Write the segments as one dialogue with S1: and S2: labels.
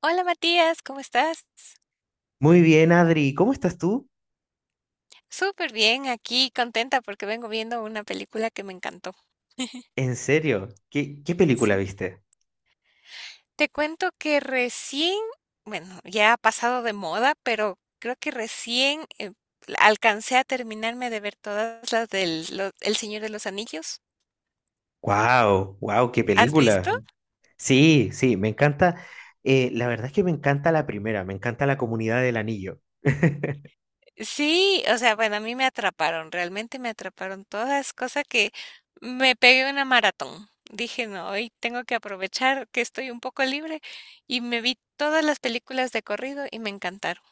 S1: Hola Matías, ¿cómo estás?
S2: Muy bien, Adri. ¿Cómo estás tú?
S1: Súper bien, aquí contenta porque vengo viendo una película que me encantó.
S2: En serio, ¿qué película
S1: Sí.
S2: viste?
S1: Te cuento que recién, bueno, ya ha pasado de moda, pero creo que recién alcancé a terminarme de ver todas las El Señor de los Anillos.
S2: ¡Wow! ¡Wow! ¡Qué
S1: ¿Has
S2: película!
S1: visto?
S2: Sí, sí, me encanta. La verdad es que me encanta la primera, me encanta la comunidad del anillo.
S1: Sí, o sea, bueno, a mí me atraparon, realmente me atraparon todas, cosa que me pegué una maratón. Dije, no, hoy tengo que aprovechar que estoy un poco libre y me vi todas las películas de corrido y me encantaron.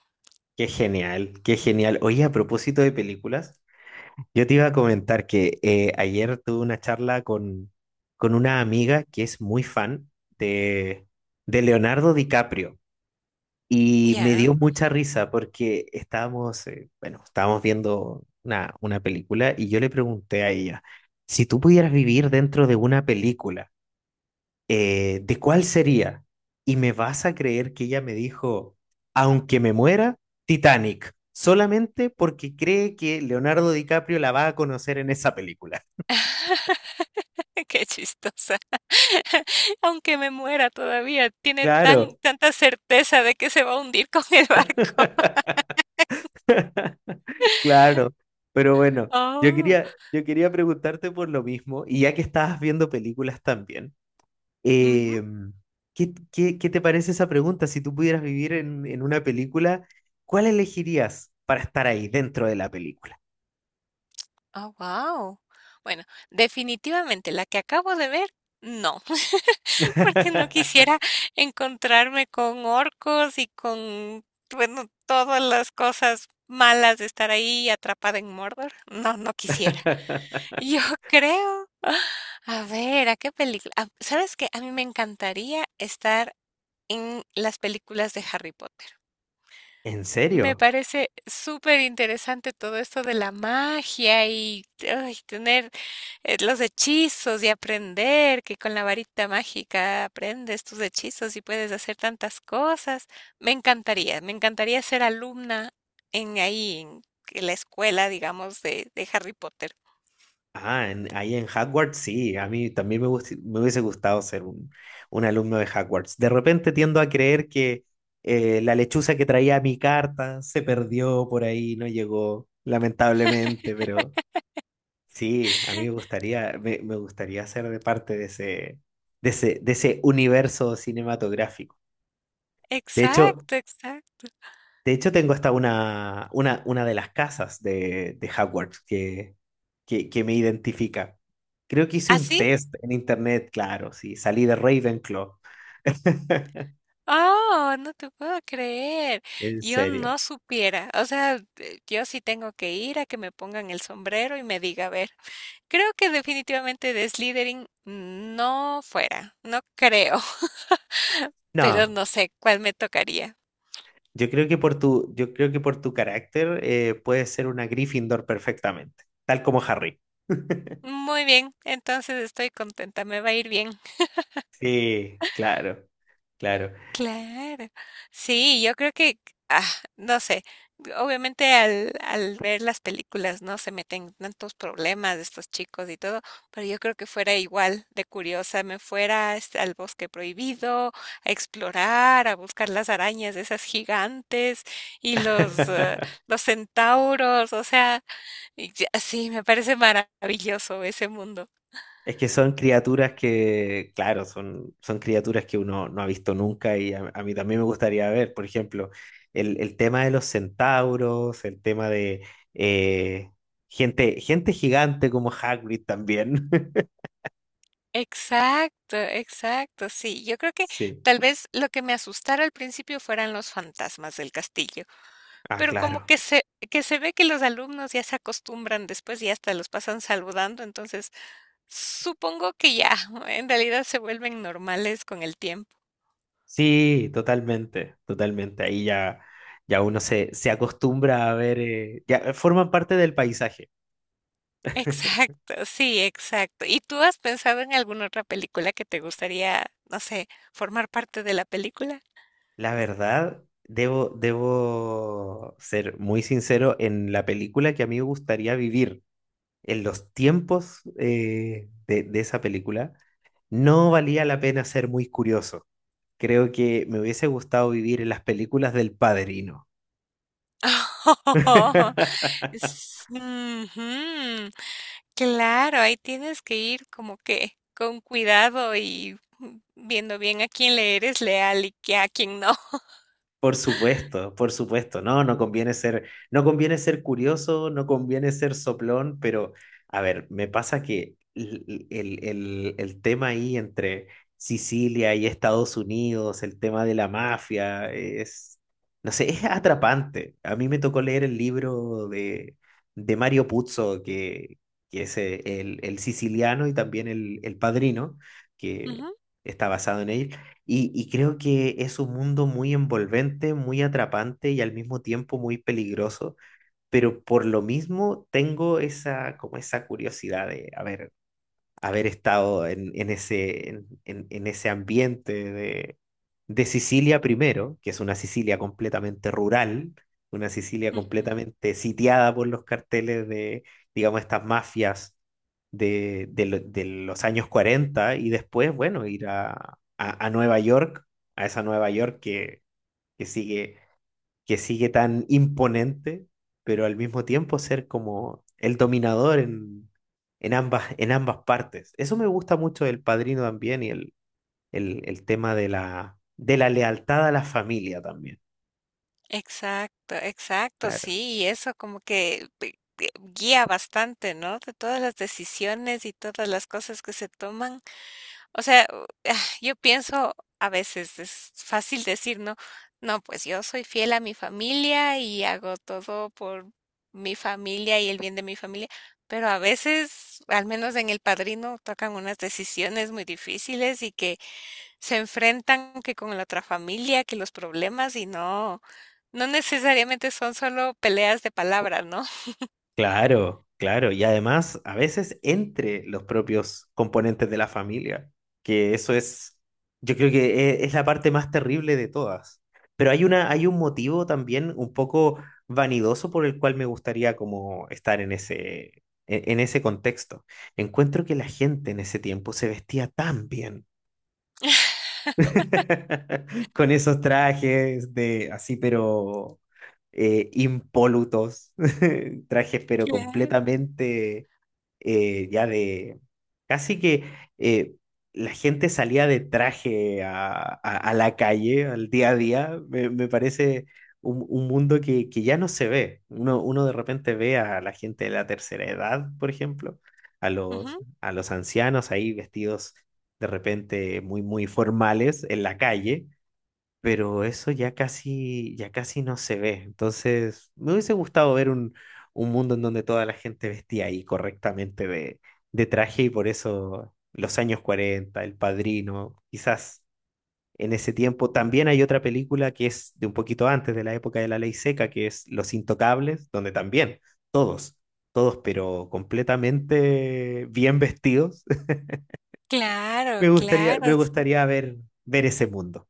S2: Qué genial, qué genial. Oye, a propósito de películas, yo te iba a comentar que ayer tuve una charla con una amiga que es muy fan de, de Leonardo DiCaprio. Y me
S1: Ya,
S2: dio mucha risa porque estábamos viendo una película y yo le pregunté a ella, si tú pudieras vivir dentro de una película, ¿de cuál sería? Y me vas a creer que ella me dijo, aunque me muera, Titanic, solamente porque cree que Leonardo DiCaprio la va a conocer en esa película.
S1: qué chistosa. Aunque me muera todavía, tiene
S2: Claro,
S1: tanta certeza de que se va a hundir con el barco.
S2: claro, pero bueno,
S1: Oh,
S2: yo quería preguntarte por lo mismo y ya que estabas viendo películas también.
S1: ujú.
S2: Eh, ¿ Qué te parece esa pregunta? Si tú pudieras vivir en una película, ¿cuál elegirías para estar ahí dentro de la película?
S1: Oh, wow. Bueno, definitivamente la que acabo de ver, no, porque no quisiera encontrarme con orcos y con, bueno, todas las cosas malas de estar ahí atrapada en Mordor. No, no quisiera. Yo creo, a ver, ¿a qué película? Ah, ¿sabes qué? A mí me encantaría estar en las películas de Harry Potter.
S2: ¿En
S1: Me
S2: serio?
S1: parece súper interesante todo esto de la magia y ay, tener los hechizos y aprender que con la varita mágica aprendes tus hechizos y puedes hacer tantas cosas. Me encantaría ser alumna en ahí, en la escuela, digamos, de Harry Potter.
S2: Ah, ahí en Hogwarts sí, a mí también me hubiese gustado ser un alumno de Hogwarts. De repente tiendo a creer que la lechuza que traía mi carta se perdió por ahí, no llegó, lamentablemente, pero... Sí, a mí me gustaría, me gustaría ser de parte de ese, de ese universo cinematográfico. De hecho,
S1: Exacto, exacto.
S2: de hecho tengo hasta una de las casas de Hogwarts que me identifica. Creo que hice un
S1: ¿Así?
S2: test en internet, claro, sí, salí de Ravenclaw,
S1: Oh, no te puedo creer.
S2: en
S1: Yo
S2: serio.
S1: no supiera. O sea, yo sí tengo que ir a que me pongan el sombrero y me diga, a ver, creo que definitivamente de Slytherin no fuera, no creo, pero
S2: No,
S1: no sé cuál me tocaría.
S2: yo creo que por tu, yo creo que por tu carácter puedes ser una Gryffindor perfectamente, tal como Harry.
S1: Muy bien, entonces estoy contenta, me va a ir bien.
S2: Sí, claro, claro.
S1: Claro, sí, yo creo que, ah, no sé, obviamente al ver las películas, ¿no? Se meten tantos problemas de estos chicos y todo, pero yo creo que fuera igual de curiosa, me fuera este, al bosque prohibido, a explorar, a buscar las arañas de esas gigantes y los centauros, o sea, y ya- sí, me parece maravilloso ese mundo.
S2: Es que son criaturas que, claro, son criaturas que uno no ha visto nunca y a mí también me gustaría ver, por ejemplo, el tema de los centauros, el tema de eh, gente gigante como Hagrid también.
S1: Exacto, exacto, sí. Yo creo que
S2: Sí,
S1: tal vez lo que me asustara al principio fueran los fantasmas del castillo,
S2: ah,
S1: pero como
S2: claro.
S1: que se ve que los alumnos ya se acostumbran después y hasta los pasan saludando, entonces supongo que ya, en realidad se vuelven normales con el tiempo.
S2: Sí, totalmente, totalmente. Ahí ya, ya uno se acostumbra a ver, ya forman parte del paisaje.
S1: Exacto, sí, exacto. ¿Y tú has pensado en alguna otra película que te gustaría, no sé, formar parte de la película?
S2: La verdad, debo ser muy sincero en la película que a mí me gustaría vivir, en los tiempos de esa película, no valía la pena ser muy curioso. Creo que me hubiese gustado vivir en las películas del Padrino.
S1: Oh, ujú. Claro, ahí tienes que ir como que con cuidado y viendo bien a quién le eres leal y que a quién no.
S2: Por supuesto, por supuesto. No, no conviene ser, no conviene ser curioso, no conviene ser soplón, pero a ver, me pasa que el tema ahí entre Sicilia y Estados Unidos, el tema de la mafia, es, no sé, es atrapante. A mí me tocó leer el libro de Mario Puzo, que es el siciliano y también el padrino, que
S1: Ujú,
S2: está basado en él. Y creo que es un mundo muy envolvente, muy atrapante y al mismo tiempo muy peligroso, pero por lo mismo tengo esa, como esa curiosidad de, a ver, haber estado en ese ambiente de Sicilia primero, que es una Sicilia completamente rural, una Sicilia
S1: ujú.
S2: completamente sitiada por los carteles de, digamos, estas mafias de los años 40 y después, bueno, ir a Nueva York, a esa Nueva York que sigue que sigue tan imponente, pero al mismo tiempo ser como el dominador en ambas partes. Eso me gusta mucho del padrino también y el tema de la lealtad a la familia también.
S1: Exacto, exacto,
S2: Claro.
S1: sí, y eso como que guía bastante, ¿no? De todas las decisiones y todas las cosas que se toman. O sea, u- ah, yo pienso, a veces es fácil decir, ¿no? No, pues yo soy fiel a mi familia y hago todo por mi familia y el bien de mi familia, pero a veces, al menos en El Padrino, tocan unas decisiones muy difíciles y que se enfrentan que con la otra familia, que los problemas y no, no necesariamente son solo peleas de palabra, ¿no?
S2: Claro, claro. Y además, a veces entre los propios componentes de la familia, que eso es, yo creo que es la parte más terrible de todas. Pero hay una, hay un motivo también un poco vanidoso por el cual me gustaría como estar en ese contexto. Encuentro que la gente en ese tiempo se vestía tan bien. Con esos trajes de así, pero impolutos. Trajes, pero
S1: Claro,
S2: completamente ya de. Casi que eh, la gente salía de traje a la calle, al día a día. Me parece un mundo que ya no se ve. Uno, uno de repente ve a la gente de la tercera edad, por ejemplo,
S1: ujú,
S2: a los ancianos ahí vestidos de repente muy, muy formales en la calle, pero eso ya casi no se ve. Entonces, me hubiese gustado ver un mundo en donde toda la gente vestía ahí correctamente de traje y por eso los años 40 El Padrino, quizás en ese tiempo. También hay otra película que es de un poquito antes de la época de la ley seca, que es Los Intocables, donde también todos, todos, pero completamente bien vestidos
S1: claro, claro,
S2: me gustaría ver, ver ese mundo.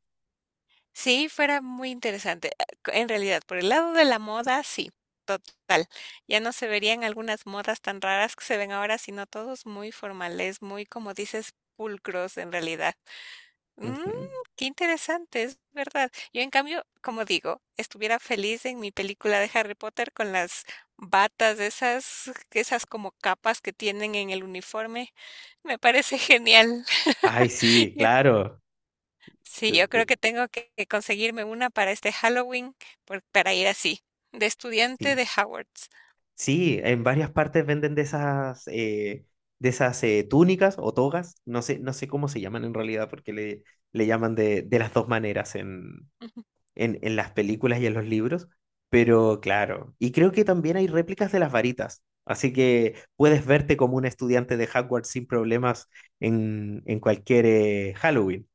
S1: sí, fuera muy interesante. Ah, c- En realidad, por el lado de la moda, sí, total. Ya no se verían algunas modas tan raras que se ven ahora, sino todos muy formales, muy, como dices, pulcros en realidad. Mm,
S2: Ujú.
S1: qué interesante, es verdad. Yo, en cambio, como digo, estuviera feliz en mi película de Harry Potter con las batas, esas, esas como capas que tienen en el uniforme. Me parece genial.
S2: Ay, sí,
S1: Yo
S2: claro.
S1: sí,
S2: L-
S1: yo creo
S2: l-
S1: que tengo que conseguirme una para este Halloween, para ir así, de estudiante
S2: Sí,
S1: de Howard's.
S2: sí, en varias partes venden de esas, túnicas o togas. No sé, no sé cómo se llaman en realidad, porque le llaman de las dos maneras
S1: Ujú.
S2: en las películas y en los libros. Pero claro, y creo que también hay réplicas de las varitas. Así que puedes verte como un estudiante de Hogwarts sin problemas en cualquier Halloween.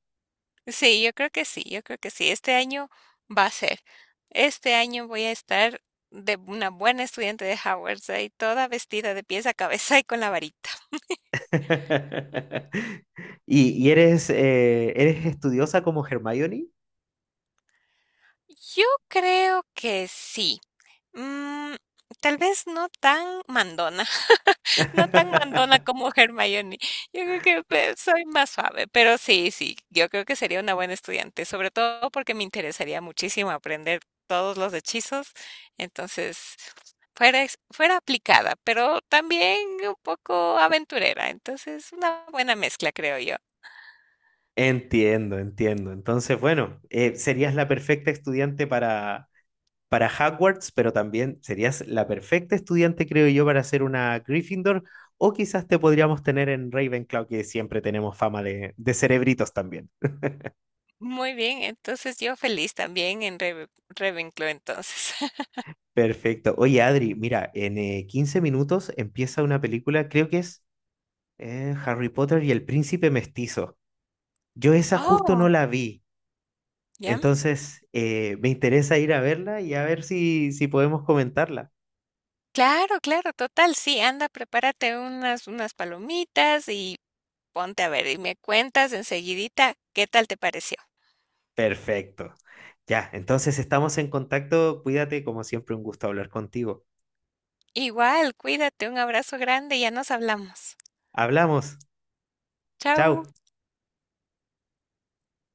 S1: Sí, yo creo que sí, yo creo que sí. Este año va a ser. Este año voy a estar de una buena estudiante de Howard's, ahí toda vestida de pies a cabeza y con la varita.
S2: ¿Y eres, ¿eres estudiosa como Hermione?
S1: Yo creo que sí. Mm, tal vez no tan mandona. No tan mandona como Hermione. Yo creo que pues, soy más suave, pero sí, sí, yo creo que sería una buena estudiante, sobre todo porque me interesaría muchísimo aprender todos los hechizos. Entonces, fuera, fuera aplicada, pero también un poco aventurera. Entonces, una buena mezcla, creo yo.
S2: Entiendo, entiendo. Entonces, bueno, serías la perfecta estudiante para Hogwarts, pero también serías la perfecta estudiante, creo yo, para ser una Gryffindor, o quizás te podríamos tener en Ravenclaw, que siempre tenemos fama de cerebritos también.
S1: Muy bien, entonces yo feliz también en Ravenclaw, entonces.
S2: Perfecto. Oye, Adri, mira, en 15 minutos empieza una película, creo que es Harry Potter y el Príncipe Mestizo. Yo esa justo no
S1: Oh,
S2: la vi,
S1: ya.
S2: entonces me interesa ir a verla y a ver si, si podemos comentarla.
S1: Claro, claro, total, sí, anda, prepárate unas, unas palomitas y ponte a ver y me cuentas enseguidita qué tal te pareció.
S2: Perfecto. Ya, entonces estamos en contacto. Cuídate, como siempre, un gusto hablar contigo.
S1: Igual, cuídate, un abrazo grande y ya nos hablamos.
S2: Hablamos.
S1: Chao.
S2: Chao.